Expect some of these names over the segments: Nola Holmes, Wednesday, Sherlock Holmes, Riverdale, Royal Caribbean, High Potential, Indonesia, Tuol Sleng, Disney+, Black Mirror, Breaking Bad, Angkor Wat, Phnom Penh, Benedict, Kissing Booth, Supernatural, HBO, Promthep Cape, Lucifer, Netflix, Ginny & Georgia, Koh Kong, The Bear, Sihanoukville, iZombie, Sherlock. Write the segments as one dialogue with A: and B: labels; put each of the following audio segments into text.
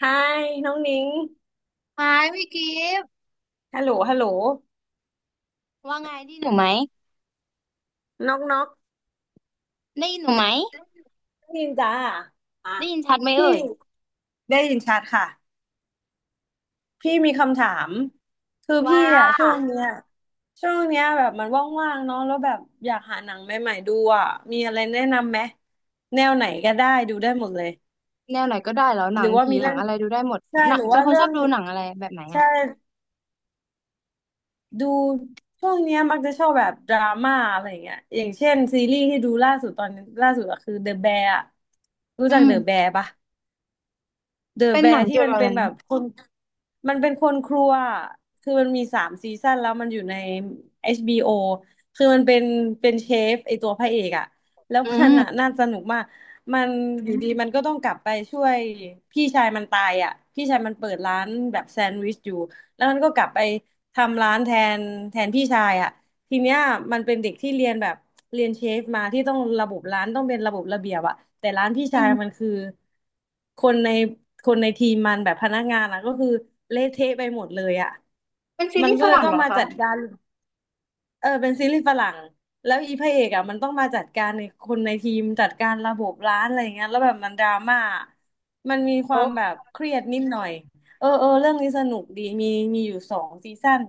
A: ไฮน้องนิ้ง
B: ไม้พี่กิฟต์
A: ฮัลโหลฮัลโหล
B: ว่าไงได้ยินหนูไหม
A: นอกนอก
B: ได้ยินหนูไหม
A: น้องนินจ้าอ่ะ
B: ได้ยินชัดไหม
A: พี่
B: เอ่ย
A: ได้ยินชัดค่ะพี่มีคำถามคือพี่
B: ว่า
A: อ่ะช่วงเนี้ยช่วงเนี้ยแบบมันว่างๆเนาะแล้วแบบอยากหาหนังใหม่ๆดูอ่ะมีอะไรแนะนำไหมแนวไหนก็ได้ดูได้หมดเลย
B: แนวไหนก็ได้แล้วห
A: ห
B: นั
A: รื
B: ง
A: อว่า
B: ผี
A: มี
B: หนั
A: เรื่อ
B: ง
A: ง
B: อะไรดูได้หมด
A: ใช่
B: หนั
A: ห
B: ง
A: รือ
B: เป็น
A: ว่า
B: คน
A: เรื่
B: ช
A: อ
B: อ
A: ง
B: บดูหนังอะไรแบบไหน
A: ใช่
B: อ่ะ
A: ดูช่วงเนี้ยมักจะชอบแบบดราม่าอะไรอย่างเงี้ยอย่างเช่นซีรีส์ที่ดูล่าสุดตอนนี้ล่าสุดอะคือ The Bear อะรู้
B: อื
A: จัก
B: ม
A: The Bear ปะ เดอะ
B: เป็น
A: แบ
B: หนัง
A: ร์ที่
B: เกี่ยว
A: มัน
B: กับอะ
A: เป็
B: ไร
A: นแบบคนมันเป็นคนครัวอะคือมันมีสามซีซั่นแล้วมันอยู่ใน HBO คือมันเป็นเป็นเชฟไอตัวพระเอกอะแล้ว
B: อื
A: มันอะ
B: ม
A: น่าสนุกมาก มันอยู่ดีมันก็ต้องกลับไปช่วยพี่ชายมันตายอะพี่ชายมันเปิดร้านแบบแซนด์วิชอยู่ แล้วมันก็กลับไปทำร้านแทนแทนพี่ชายอะ ทีเนี้ยมันเป็นเด็กที่เรียนแบบเรียนเชฟมาที่ต้องระบบร้านต้องเป็นระบบระเบียบอะแต่ร้านพี่
B: อื
A: ชายมัน
B: ม
A: คือคนในคนในทีมมันแบบพนักงานอะก็คือเละเทะไปหมดเลยอะ
B: เป็นซี
A: มัน
B: รีส์
A: ก็
B: ฝ
A: เลย
B: รั่ง
A: ต้อ
B: เห
A: ง
B: รอ
A: มา
B: คะ
A: จัดการเออเป็นซีรีส์ฝรั่งแล้วอีพระเอกอะมันต้องมาจัดการในคนในทีมจัดการระบบร้านอะไรอย่างเงี้ยแล้วแบบมันดราม่ามันมีควา
B: โอ้
A: มแบบเครียดนิดหน่อยเออเออเรื่องนี้สนุกดีมีมีอยู่สองซีซั่น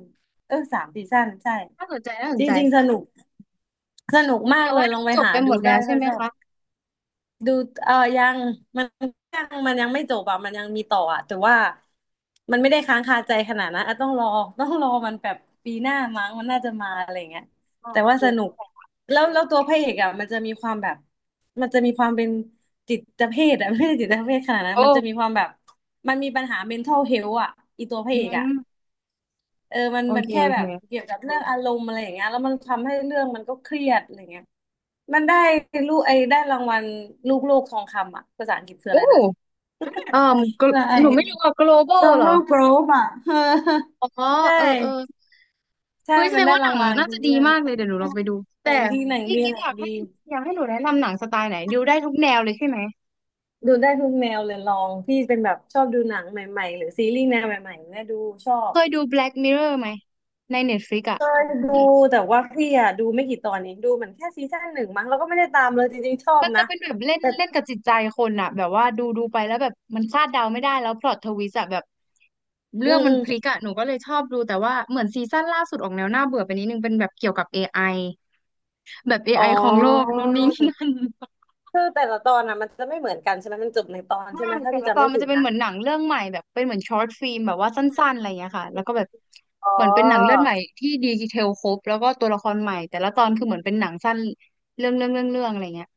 A: เออสามซีซั่นใช่
B: น่าสนใจน่าส
A: จ
B: นใจ
A: ริงๆสนุก สนุกมาก
B: แต่
A: เล
B: ว่า
A: ยล
B: ดู
A: องไป
B: จบ
A: หา
B: ไปหม
A: ดู
B: ด
A: ได้
B: แล้วใช่
A: ถ้า
B: ไหม
A: ชอบ
B: คะ
A: ดูเออยังมันยังมันยังไม่จบอ่ะมันยังมีต่ออ่ะแต่ว่ามันไม่ได้ค้างคาใจขนาดนั้นอ่ะต้องรอต้องรอมันแบบปีหน้ามั้งมันน่าจะมาอะไรเงี้ย
B: อ๋อ
A: แต่
B: โอ
A: ว่า
B: เค
A: สนุ
B: เข้า
A: ก
B: ใจ
A: แล้วแล้วตัวพระเอกอ่ะมันจะมีความแบบมันจะมีความเป็นจิตเภทอ่ะ ไม่ใช่จิตเภทขนาดนั้
B: โอ
A: นมันจะมี
B: ้
A: ความแบบมันมีปัญหา mental health อ่ะอีตัวพระ
B: อื
A: เอก
B: ม
A: อ่ะ เออมัน
B: โอ
A: มัน
B: เค
A: แค่
B: โอ
A: แบ
B: เค
A: บเกี่ยวกับเรื่องอารมณ์อะไรอย่างเงี้ยแล้วมันทำให้เรื่องมันก็เครียดอะไรเงี้ยมันได้ลูกไอ้ได้รางวัลลูกโลกทองคำอ่ะภาษาอังกฤษคือ
B: โอ้
A: อะไรนะ
B: เอ่า
A: อะไร
B: หนูไม่รู้
A: ้
B: ว่า global
A: ดอล
B: เหรอ
A: ลาร์โกรอบอ่ะ เออ
B: อ๋อ
A: ใช
B: เออเออ
A: ่ใช่
B: เฮ้ยแส
A: มั
B: ด
A: น
B: ง
A: ได้
B: ว่าห
A: รา
B: นั
A: ง
B: ง
A: วัล
B: น่า
A: คือ
B: จะดี
A: เรื่อง
B: มาก
A: เนี้ย
B: เลยเดี๋ยวหนูลองไปดู
A: ห
B: แต่
A: นังดีหนัง
B: พี่
A: ดี
B: กิฟ
A: ห
B: ต์
A: นั
B: อ
A: ง
B: ยาก
A: ดี
B: ให้อยากให้หนูแนะนำหนังสไตล์ไหนดูได้ทุกแนวเลยใช่ไหม
A: ดูได้ทุกแนวเลยลองพี่เป็นแบบชอบดูหนังใหม่ๆหรือซีรีส์แนวใหม่ๆเนี่ยดูชอบ
B: เคยดู Black Mirror ไหมใน Netflix อ่ะ
A: เคยดู
B: ที่
A: แต่ว่าพี่อะดูไม่กี่ตอนเองดูเหมือนแค่ซีซั่นหนึ่งมั้งแล้วก็ไม่ได้ตามเลยจริงๆชอบ
B: มันจะ
A: นะ
B: เป็นแบบเล่นเล่นกับจิตใจคนอ่ะแบบว่าดูไปแล้วแบบมันคาดเดาไม่ได้แล้วพล็อตทวิสต์อะแบบ
A: อื
B: เรื่อง
A: ม
B: มั
A: อื
B: น
A: ม
B: พลิกอ่ะหนูก็เลยชอบดูแต่ว่าเหมือนซีซั่นล่าสุดออกแนวน่าเบื่อไปนิดนึงเป็นแบบเกี่ยวกับ AI แบบ
A: อ๋
B: AI ของโลก
A: อ
B: นู่นนี่ นั่น
A: คือแต่ละตอนอ่ะมันจะไม่เหมือนกันใช่ไหมมันจบในตอน
B: ใช่
A: ใช่ไหมถ้า
B: แต่
A: พี่
B: ละต
A: จำ
B: อน
A: ไม่
B: มัน
A: ผิ
B: จะ
A: ด
B: เป็น
A: นะ
B: เหมือนหนังเรื่องใหม่แบบเป็นเหมือนช็อตฟิล์มแบบว่าสั้นๆอะไรอย่างเงี้ยค่ะแล้วก็แบบ
A: อ๋อ
B: เหมือนเป็นหนังเรื่องใหม่ที่ดีเทลครบแล้วก็ตัวละครใหม่แต่ละตอนคือเหมือนเป็นหนังสั้นเรื่องอะไรเงี้ย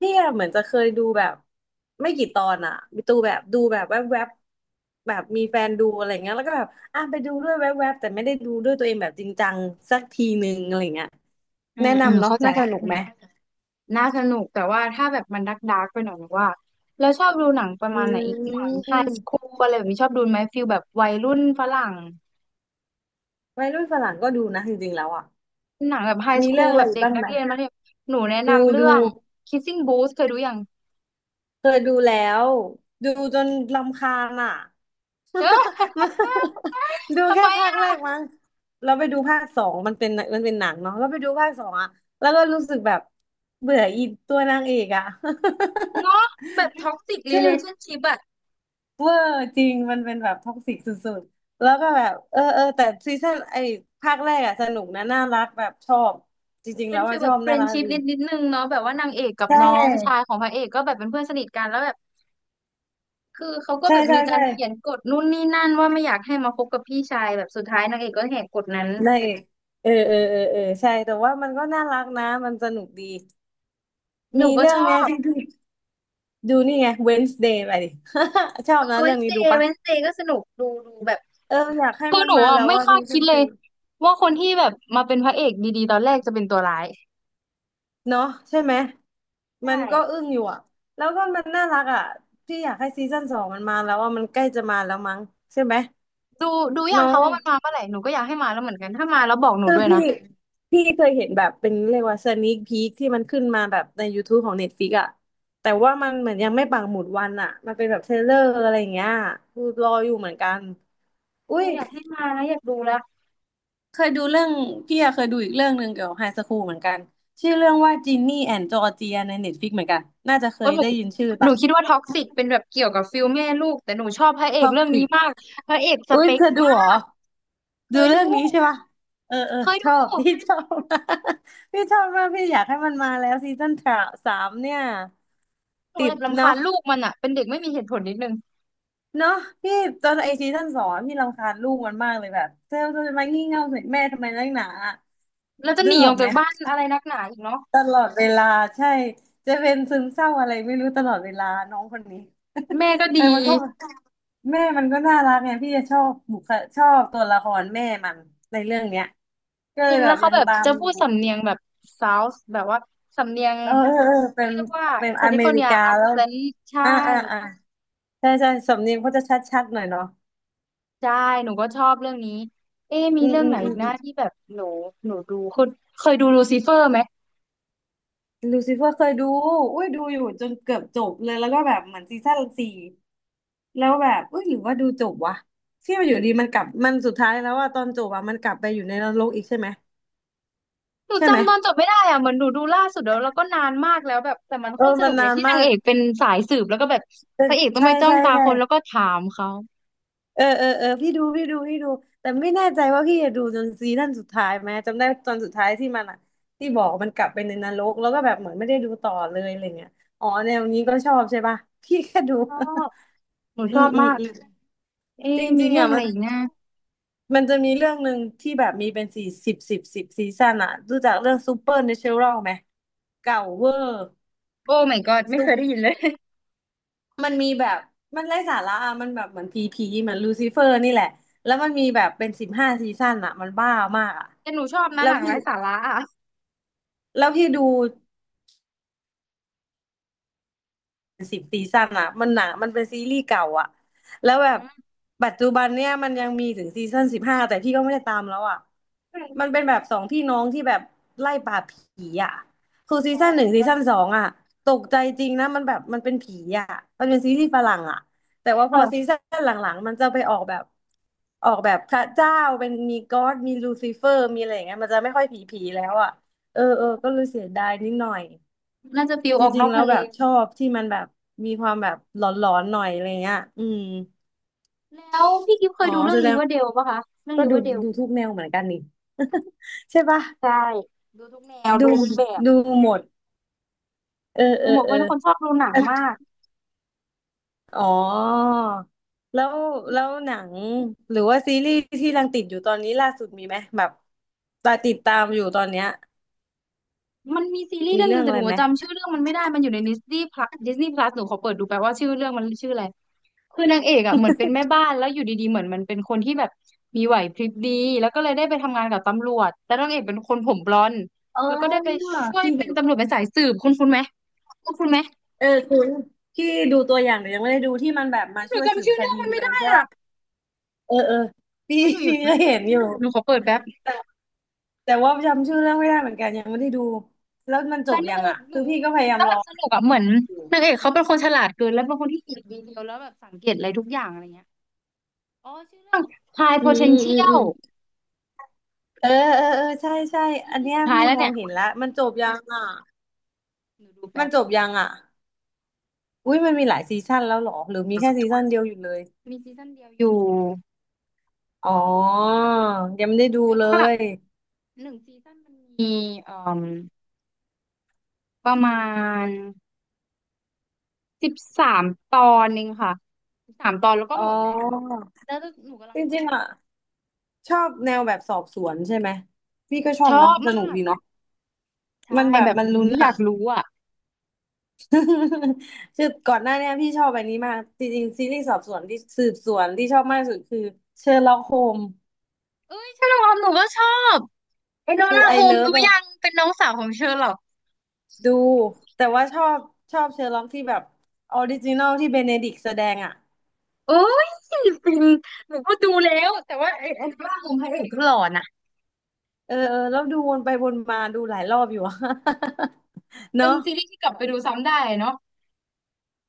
A: พี่อะเหมือนจะเคยดูแบบไม่กี่ตอนอ่ะมีตูแบบดูแบบแวบๆบแบบมีแฟนดูอะไรเงี้ยแล้วก็แบบอ่ะไปดูด้วยแวบๆแต่ไม่ได้ดูด้วยตัวเองแบบจริงจังสักทีนึงอะไรเงี้ย
B: อื
A: แนะ
B: มอืม
A: นำเนาะ
B: เข้าใจ
A: น่าส
B: ละ
A: นุกไหม
B: น่าสนุกแต่ว่าถ้าแบบมันดักไปหน่อยหรือว่าเราชอบดูหนังประ
A: อื
B: มาณไหนอีกหนังไฮสคู
A: ม
B: ลอะไรแบบนี้ชอบดูไหมฟิลแบบวัยรุ่นฝรั่ง
A: วัยรุ่นฝรั่งก็ดูนะจริงๆแล้วอ่ะ
B: หนังแบบไฮส
A: มี
B: คู
A: เรื่อ
B: ล
A: งอะ
B: แบ
A: ไร
B: บ
A: อีก
B: เด็ก
A: บ้าง
B: นัก
A: ไหม
B: เรียนมัธยมหนูแนะ
A: ดู
B: นำเรื่
A: ดู
B: อง Kissing Booth เคยดูยัง
A: เคยดูแล้วดูจนรำคาญอ่ะ
B: เออ
A: ดู
B: ทำ
A: แค่
B: ไม
A: ภาคแรก
B: อะ
A: มั้งเราไปดูภาคสองมันเป็นมันเป็นหนังเนาะเราไปดูภาคสองอะแล้วก็รู้สึกแบบเบื่ออีตัวนางเอกอะ
B: เนาะแบบท็อกซิกรี
A: แค่
B: เลชั่นชิพอะ
A: เวอร์จริงมันเป็นแบบท็อกซิกสุดๆแล้วก็แบบเออเออแต่ซีซั่นไอ้ภาคแรกอะสนุกนะน่ารักแบบชอบจริงๆ
B: เป็
A: แล้
B: น
A: ว
B: ฟี
A: ว่า
B: ล
A: ช
B: แบ
A: อ
B: บ
A: บ
B: เฟร
A: น่า
B: น
A: รั
B: ด์
A: ก
B: ชิพ
A: ดี
B: นิดนึงเนาะแบบว่านางเอกกับ
A: ใช
B: น้องชาย
A: ่
B: ของพระเอกก็แบบเป็นเพื่อนสนิทกันแล้วแบบคือเขาก็
A: ใช่
B: แบบ
A: ใช่
B: มีกา
A: ใช่
B: รเขียนกฎนู่นนี่นั่นว่าไม่อยากให้มาคบกับพี่ชายแบบสุดท้ายนางเอกก็แหกกฎนั้น
A: นางเอกเออเออเออเออใช่แต่ว่ามันก็น่ารักนะมันสนุกดี
B: หนู
A: มี
B: ก็
A: เรื่อ
B: ช
A: ง
B: อ
A: เนี้ย
B: บ
A: ที่พี่ ดูนี่ไง Wednesday ไปดิ ชอบนะ
B: เว
A: เรื่
B: น
A: อง
B: เซ
A: นี้ดูปะ
B: เวนเซก็สนุกดูแบบ
A: เอออยากให้
B: คือ
A: มัน
B: หนู
A: มา
B: อ่ะ
A: แล้ว
B: ไม่
A: ว่า
B: คา
A: พิ
B: ด
A: งคั
B: คิ
A: น
B: ด
A: ต์
B: เล
A: จู
B: ยว่าคนที่แบบมาเป็นพระเอกดีๆตอนแรกจะเป็นตัวร้าย
A: เนาะใช่ไหม มั
B: ใช่
A: นก็อึ้งอยู่อะแล้วก็มันน่ารักอะพี่อยากให้ซีซั่นสองมันมาแล้วว่ามันใกล้จะมาแล้วมั้งใช่ไหม
B: ดูดูอย่าง
A: เน้อ
B: เขา
A: ง
B: ว่ามันมาเมื่อไหร่หนูก็อยากให้มาแล้วเหมือนกันถ้ามาแล้วบอกหนู
A: คือ
B: ด้วย
A: พี่
B: นะ
A: พี่เคยเห็นแบบเป็นเรียกว่าสนี k พี k ที่มันขึ้นมาแบบใน YouTube ของ Netflix อะแต่ว่ามันเหมือนยังไม่ปักหมุดวันอะมันเป็นแบบเทรลเลอร์อะไรอย่างเงี้ยคือรออยู่เหมือนกันอุ้
B: หนู
A: ย
B: อยากให้มาแล้วอยากดูแล้ว
A: เคยดูเรื่องพี่อะเคยดูอีกเรื่องหนึ่งเกี่ยวกับไฮสคูลเหมือนกันชื่อเรื่องว่าจินนี่แอนจอร์เจียในเน็ตฟลิกเหมือนกันน่าจะเค
B: เออ
A: ย
B: หนู
A: ได้ยินชื่อ
B: หนู
A: ปะ
B: คิดว่าท็อกซิกเป็นแบบเกี่ยวกับฟิลแม่ลูกแต่หนูชอบพระเอก
A: ท็อก
B: เรื่อง
A: ซิ
B: นี้
A: ก
B: มากพระเอกส
A: อุ้
B: เป
A: ย
B: ค
A: เธอดู
B: มา
A: เหรอ
B: กเค
A: ดู
B: ย
A: เรื่
B: ดู
A: องนี้ใช่ปะเออเออ
B: เคย
A: ช
B: ดู
A: อบ พี่ชอบ พี่ชอบมากพี่อยากให้มันมาแล้วซีซั่นสามเนี่ย
B: หนู
A: ติ
B: แบ
A: ด
B: บรำคา
A: เนาะ
B: ญลูกมันอ่ะเป็นเด็กไม่มีเหตุผลนิดนึง
A: เนาะพี่ตอนไอซีซั่นสองพี่รำคาญลูกมันมากเลยแบบเธอจะมางี่เง่าใส่แม่ทำไมนักหนา
B: แล้วจะห
A: ด้วย
B: นี
A: อ
B: อ
A: อ
B: อ
A: ก
B: ก
A: ไหม
B: จากบ้านอะไรนักหนาอีกเนาะ
A: ตลอดเวลาใช่จะเป็นซึมเศร้าอะไรไม่รู้ตลอดเวลาน้องคนนี้
B: แม่ก็
A: เออ
B: ดี
A: มันก็แม่มันก็น่ารักไงพี่จะชอบบุคชอบตัวละครแม่มันในเรื่องเนี้ยก็
B: จ
A: เล
B: ริ
A: ย
B: ง
A: แบ
B: แล้ว
A: บ
B: เขา
A: ยัง
B: แบบ
A: ตาม
B: จะ
A: อ
B: พู
A: ยู่
B: ดสำเนียงแบบเซาวส์แบบว่าสำเนียง
A: เออเออเออเป็
B: เขา
A: น
B: เรียกว่า
A: เป็น
B: แค
A: อ
B: ลิ
A: เม
B: ฟอร์เนี
A: ริ
B: ย
A: กา
B: อัก
A: แล้ว
B: เซนต์ใช่
A: อ่าอ่าอ่าใช่ใช่สำเนียงเขาจะชัดๆหน่อยเนาะ
B: ใช่หนูก็ชอบเรื่องนี้เอ๊ะมี
A: อืม
B: เรื่อง
A: อื
B: ไห
A: ม
B: น
A: อื
B: อีกนะ
A: ม
B: ที่แบบหนูดูเคยดูลูซิเฟอร์ไหม
A: ลูซิเฟอร์เคยดูอุ้ยดูอยู่จนเกือบจบเลยแล้วก็แบบเหมือนซีซั่นสี่ แล้วแบบเอ้ยหรือว่าดูจบวะที่มันอยู่ดีมันกลับมันสุดท้ายแล้วว่าตอนจบอะมันกลับไปอยู่ในนรกอีกใช่ไหม
B: หนู
A: ใช่ไหม
B: จำตอนจบไม่ได้อ่ะเหมือนหนูดูล่าสุดแล้วแล้วก็นานมากแล้วแบบแต่มัน
A: เอ
B: โค
A: อ
B: ตรส
A: มั
B: นุ
A: น
B: กเล
A: นา
B: ย
A: น
B: ที่
A: มา
B: นางเอ
A: ก
B: กเป็นสายสืบแล้วก็แบบ
A: เออ
B: พระเอกต้อง
A: ใช่
B: ไปจ้อง
A: ใช่
B: ตา
A: ใช่
B: คนแล้วก็ถามเขา
A: เออเออเออพี่ดูแต่ไม่แน่ใจว่าพี่จะดูจนซีซั่นสุดท้ายไหมจำได้ตอนสุดท้ายที่มันอะที่บอกว่ามันกลับไปในนรกแล้วก็แบบเหมือนไม่ได้ดูต่อเลยอะไรเงี้ยอ๋อแนวนี้ก็ชอบใช่ปะพี่แค่ดู
B: ชอบหนู
A: อื
B: ชอ
A: ม
B: บ
A: อืม
B: มาก
A: อืมจร
B: เอ๊ะมี
A: ิงๆ
B: เรื่อ
A: อ่ะ
B: งอะ
A: มั
B: ไร
A: น
B: อีกนะ
A: มันจะมีเรื่องหนึ่งที่แบบมีเป็นสี่สิบซีซั่นอ่ะรู้จักเรื่องซูเปอร์เนเชอรัลไหม เก่าเวอร์
B: โอ้ my god ไม่
A: สุ
B: เคยได้
A: ด
B: ยินเลย
A: มันมีแบบ มันไร้สาระอะมันแบบเหมือนพีพีเหมือนลูซิเฟอร์นี่แหละ แล้วมันมีแบบเป็นสิบห้าซีซั่นอะมันบ้ามากอะ
B: แต่หนูชอบนะ
A: แล้
B: ห
A: ว
B: นัง
A: พี่
B: ไร้สาระอ่ะ
A: แล้วพี่ดู สิบซีซั่นอ่ะมันหนังมันเป็นซีรีส์เก่าอ่ะแล้วแบ
B: อื
A: บ
B: ม
A: ปัจจุบันเนี่ยมันยังมีถึงซีซั่นสิบห้าแต่พี่ก็ไม่ได้ตามแล้วอ่ะมันเป็นแบบสองพี่น้องที่แบบไล่ปราบผีอ่ะคือซี
B: อ๋
A: ซั่นหนึ่ง
B: อ
A: ซีซั่นสองอ่ะตกใจจริงนะมันแบบมันเป็นผีอ่ะมันเป็นซีรีส์ฝรั่งอ่ะแต่ว่าพอซี
B: ค่ะ
A: ซั่นหลังๆมันจะไปออกแบบออกแบบพระเจ้าเป็นมีก็อดมีลูซิเฟอร์มีอะไรอย่างเงี้ยมันจะไม่ค่อยผีผีแล้วอ่ะเออเออก็เลยเสียดายนิดหน่อย
B: น่าจะฟิล
A: จ
B: ออกน
A: ริง
B: อก
A: ๆ แล้ว
B: ทะเล
A: แบบชอบที่มันแบบมีความแบบหลอนๆหน่อยอะไรเงี้ยอืม
B: แล้วพี่กิฟเค
A: อ๋
B: ย
A: อ
B: ดูเรื่อ
A: แส
B: ง
A: ด
B: ริ
A: ง
B: เวอร์เดลปะคะเรื่อง
A: ก็
B: ริเว
A: ดู
B: อร์เดล
A: ดูทุกแนวเหมือนกันนี่ ใช่ปะ
B: ใช่ดูทุกแนว
A: ดู
B: ดูทุกแบบ
A: ดูหมดเออเอ
B: ดู
A: อ
B: หมดเพ
A: เออ
B: ราะเป็นคนชอบดูหนัง
A: แต่
B: มาก
A: อ๋อแล้วแล้วหนังหรือว่าซีรีส์ที่กำลังติดอยู่ตอนนี้ล่าสุดมีไหมแบบตาติดตามอยู่ตอนเนี้ย
B: มันมีซีรีส์
A: มี
B: เรื่องห
A: เรื่
B: นึ่
A: อง
B: งแต่
A: อะ
B: ห
A: ไร
B: นู
A: ไหม
B: จำชื่อเรื่องมันไม่ได้ มันอยู่ในดิสนีย์พลัสหนูขอเปิดดูแปลว่าชื่อเรื่องมันชื่ออะไรคือนางเอกอ่ะเหมือนเป็นแม่บ้านแล้วอยู่ดีๆเหมือนมันเป็นคนที่แบบมีไหวพริบดีแล้วก็เลยได้ไปทำงานกับตำรวจแต่นางเอกเป็นคนผมบลอนด์
A: อ๋อ
B: แล้วก็ได้ไปช่วย
A: ที่
B: เป็นตำรวจเป็นสายสืบคุณไหมคุณไหม
A: เออคุณที่ดูตัวอย่างแต่ยังไม่ได้ดูที่มันแบบมา
B: เฮ้ยหนู
A: ช่วยสื
B: จำ
A: บ
B: ชื่อ
A: ค
B: เรื่อง
A: ดี
B: มัน
A: เล
B: ไม่
A: ย
B: ได้
A: ใช่
B: อ่ะ
A: ปะ เออเออพี่
B: เฮ้ยห นูอยู่
A: พี่ก็เห็นอยู่
B: หนูขอเปิดแป๊บ
A: แต่แต่ว่าจำชื่อเรื่องไม่ได้เหมือนกันยังไม่ได้ดูแล้วมันจ
B: ส
A: บยั
B: นุ
A: ง
B: ก
A: อ่ะ
B: ห
A: คื
B: นู
A: อพี่ก็พ
B: ดู
A: ยายาม
B: แล้ว
A: ร
B: แบ
A: อ
B: บสนุกอ่ะเหมือน
A: อยู่
B: นางเอกเขาเป็นคนฉลาดเกินแล้วเป็นคนที่เก็บดีเทลแล้วแบบสังเกตอะไรทุกอย่างอะไรเงี้ยอ๋อชื่อเรื่อง High
A: อืมอืมอื
B: Potential
A: มเออเออเออใช่ใช่
B: อี
A: อัน
B: พี
A: เนี้ย
B: สุดท้าย
A: พี่
B: แล้ว
A: มอ
B: เนี่
A: ง
B: ย
A: เห็นแล้วมันจบยังอ่ะ
B: หนูดู
A: มั
B: แป๊
A: น
B: บ
A: จบ
B: มี
A: ยังอ่ะอุ้ยมันมีหลายซีซั่นแล้วเหรอหรือมีแค่ซีซั่น
B: ซ
A: เดียวอยู่เลย
B: ีซั่นเดียวอยู่
A: อ๋อยังไม่ได้ดู
B: แต่
A: เล
B: ว่า
A: ย
B: หนึ่งซีซั่นมันมีเอ่มประมาณสิบสามตอนเองค่ะสิบสามตอนแล้วก็
A: อ๋
B: หม
A: อ
B: ดแหละแล้วหนูกำลั
A: จ
B: งรอ
A: ริงๆอ่ะชอบแนวแบบสอบสวนใช่ไหมพี่ก็ชอ
B: ช
A: บ
B: อ
A: เนาะ
B: บ
A: สนุก
B: มาก
A: ดีเนาะ
B: ใช่
A: มันแบ
B: แบ
A: บ
B: บ
A: มัน
B: หนู
A: ลุ้น
B: อ
A: อ่ะ
B: ยากรู้อ่ะ
A: คือก่อนหน้าเนี้ยพี่ชอบอันนี้มากจริงๆซีรีส์สอบสวนที่สืบสวนที่ชอบมากที่สุดคือเชอร์ล็อกโฮม
B: เอ้ยเชอร์ล็อกโฮมส์หนูก็ชอบไอ้โน
A: คือ
B: ล่า
A: ไอ
B: โฮม
A: เลิฟ
B: ดู
A: แบบ
B: ยังเป็นน้องสาวของเชอร์ล็อก
A: ดูแต่ว่าชอบเชอร์ล็อกที่แบบออริจินอลที่เบเนดิกต์แสดงอ่ะ
B: เอ้ยเป็นหนูก็ดูแล้วแต่ว่าไอ้โนล่าโฮมส์พระเอกก็หล่อนะ
A: เออเออแล้วดูวนไปวนมาดูหลายรอบอยู่อะ
B: เป็น
A: เนาะ
B: ซีรีส์ที่กลับไปดูซ้ำได้เนาะ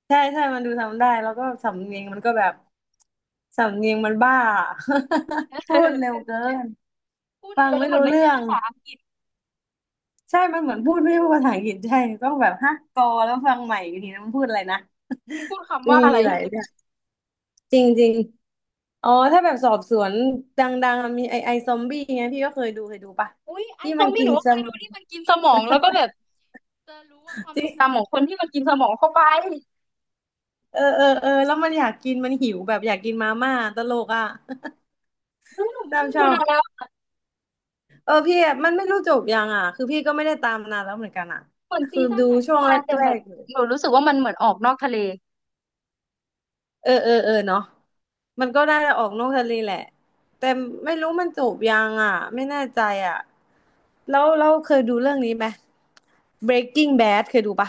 A: ใช่ใช่มันดูทำได้แล้วก็สำเนียงมันก็แบบสำเนียงมันบ้า พูดเร็วเกิน
B: พูด
A: ฟั
B: เร็
A: ง
B: วแล้ว
A: ไม่
B: เหมือ
A: รู้
B: นไม่
A: เรื่
B: ใช่
A: อง
B: ภาษาอังกฤษ
A: ใช่มันเหมือนพูดไม่พูดภาษาอังกฤษใช่ต้องแบบฮะกอแล้วฟังใหม่อีกทีนะมันพูดอะไรนะ
B: พูดคำ
A: มี
B: ว่าอะไร่
A: หลายเนี่ยจริงจริงอ๋อถ้าแบบสอบสวนดังๆอะมีไอซอมบี้ไงพี่ก็เคยดูปะ
B: อุ้ยไอ
A: ที่
B: ซ
A: มั
B: อ
A: น
B: มบี้
A: กิ
B: ห
A: น
B: นูก็
A: ส
B: เคย
A: ม
B: ดู
A: อง
B: ที่มันกินสมองแล้วก็แบบจะรู้ว่าความทร
A: ที่
B: งจำของคนที่มันกินสมองเข้าไปเฮ้ย
A: เออเออเออแล้วมันอยากกินมันหิวแบบอยากกินมาม่าตลกอ่ะ
B: หนู ไม่
A: ตาม
B: ได้ดู
A: ช่อง
B: นานแล้ว
A: เออพี่อะมันไม่รู้จบยังอ่ะคือพี่ก็ไม่ได้ตามนานแล้วเหมือนกันอ่ะ
B: เหมือนซี
A: คือ
B: ซั่น
A: ดู
B: ใหม่เพิ่
A: ช่
B: ง
A: วง
B: มา
A: แร
B: แต่แบบ
A: กๆอยู่
B: หนูรู้สึกว่ามันเหมือนออกนอกทะเล
A: เออเออเออเนาะมันก็ได้ออกนอกทะเลแหละแต่ไม่รู้มันจูบยังอ่ะไม่แน่ใจอ่ะแล้วเราเคยดูเรื่องนี้ไหม Breaking Bad เคยดูปะ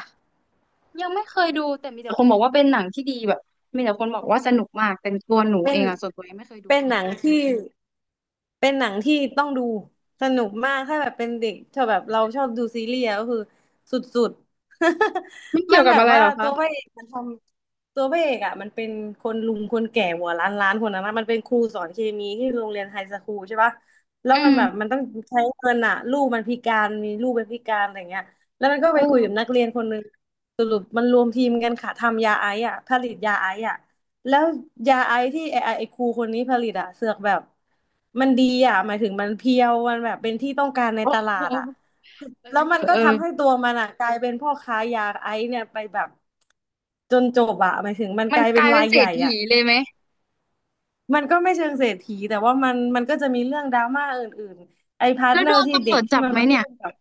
B: ยังไม่เคยดูแต่มีแต่คนบอกว่าเป็นหนังที่ดีแบบมีแต่คนบอกว่าสนุกมากแต่ตัวหนู
A: เป็
B: เอ
A: น
B: งอะส่วนตัวยังไม่เคยดู
A: เป็นหนังที่เป็นหนังที่ต้องดูสนุกมากถ้าแบบเป็นเด็กชอบแบบเราชอบดูซีรีส์อะก็คือสุดๆ
B: มัน เกี่
A: มั
B: ย
A: น
B: วกั
A: แบ
B: บ
A: บ
B: อะไร
A: ว่า
B: เหรอ
A: ตั
B: คะ
A: วพระเอกมันทำตัวพระเอกอ่ะมันเป็นคนลุงคนแก่หัวล้านคนนั้นนะมันเป็นครูสอนเคมีที่โรงเรียนไฮสคูลใช่ปะแล้ว
B: อื
A: มันแบบ
B: ม
A: มันต้องใช้เงินอะลูกมันพิการมีลูกเป็นพิการอะไรเงี้ยแล้วมันก็
B: เอ
A: ไปคุยกับ
B: อ
A: นักเรียนคนหนึงสรุปมันรวมทีมกันค่ะทำยาไอซ์อ่ะผลิตยาไอซ์อ่ะ แล้วยาไอที่ไอครูคนนี้ผลิตอะเสือกแบบมันดีอะหมายถึงมันเพียวมันแบบเป็นที่ต้องการใน
B: โอ้
A: ตลา
B: โห
A: ดอะ
B: เอ
A: แล้
B: อ
A: วมัน
B: เออ
A: ก็
B: เออ
A: ทำให้ตัวมันอะกลายเป็นพ่อค้ายาไอเนี่ยไปแบบจนจบอะหมายถึงมัน
B: มั
A: ก
B: น
A: ลาย
B: ก
A: เป็น
B: ลายเป็
A: รา
B: น
A: ย
B: เศร
A: ให
B: ษ
A: ญ่
B: ฐี
A: อะ
B: เลยไหม
A: มันก็ไม่เชิงเศรษฐีแต่ว่ามันก็จะมีเรื่องดราม่าอื่นๆไอพาร์ท
B: แล้ว
A: เนอ
B: โด
A: ร์
B: น
A: ที่
B: ตำร
A: เด็ก
B: วจ
A: ที่
B: จับ
A: มัน
B: ไหม
A: มา
B: เนี่
A: ร่
B: ย
A: วมกับ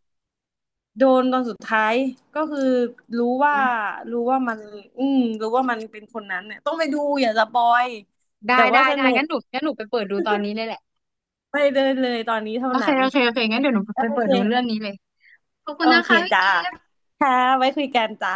A: โดนตอนสุดท้ายก็คือรู้ว่ารู้ว่ามันรู้ว่ามันเป็นคนนั้นเนี่ยต้องไปดูอย่าสปอย
B: ได้
A: แต่ว่า
B: ได้
A: ส
B: ได้
A: นุก
B: งั้นหนูไปเปิดดูตอนนี้เลยแหละ
A: ไม่ได้เลยตอนนี้เท่า
B: โอเค
A: นั้น
B: โอเคโอเคงั้นเดี๋ยวหนูไป
A: โอ
B: เปิด
A: เค
B: ดูเรื่องนี้เลยขอบคุ
A: โอ
B: ณนะ
A: เค
B: คะพี่
A: จ้า
B: กิฟ
A: ค่ะไว้คุยกันจ้า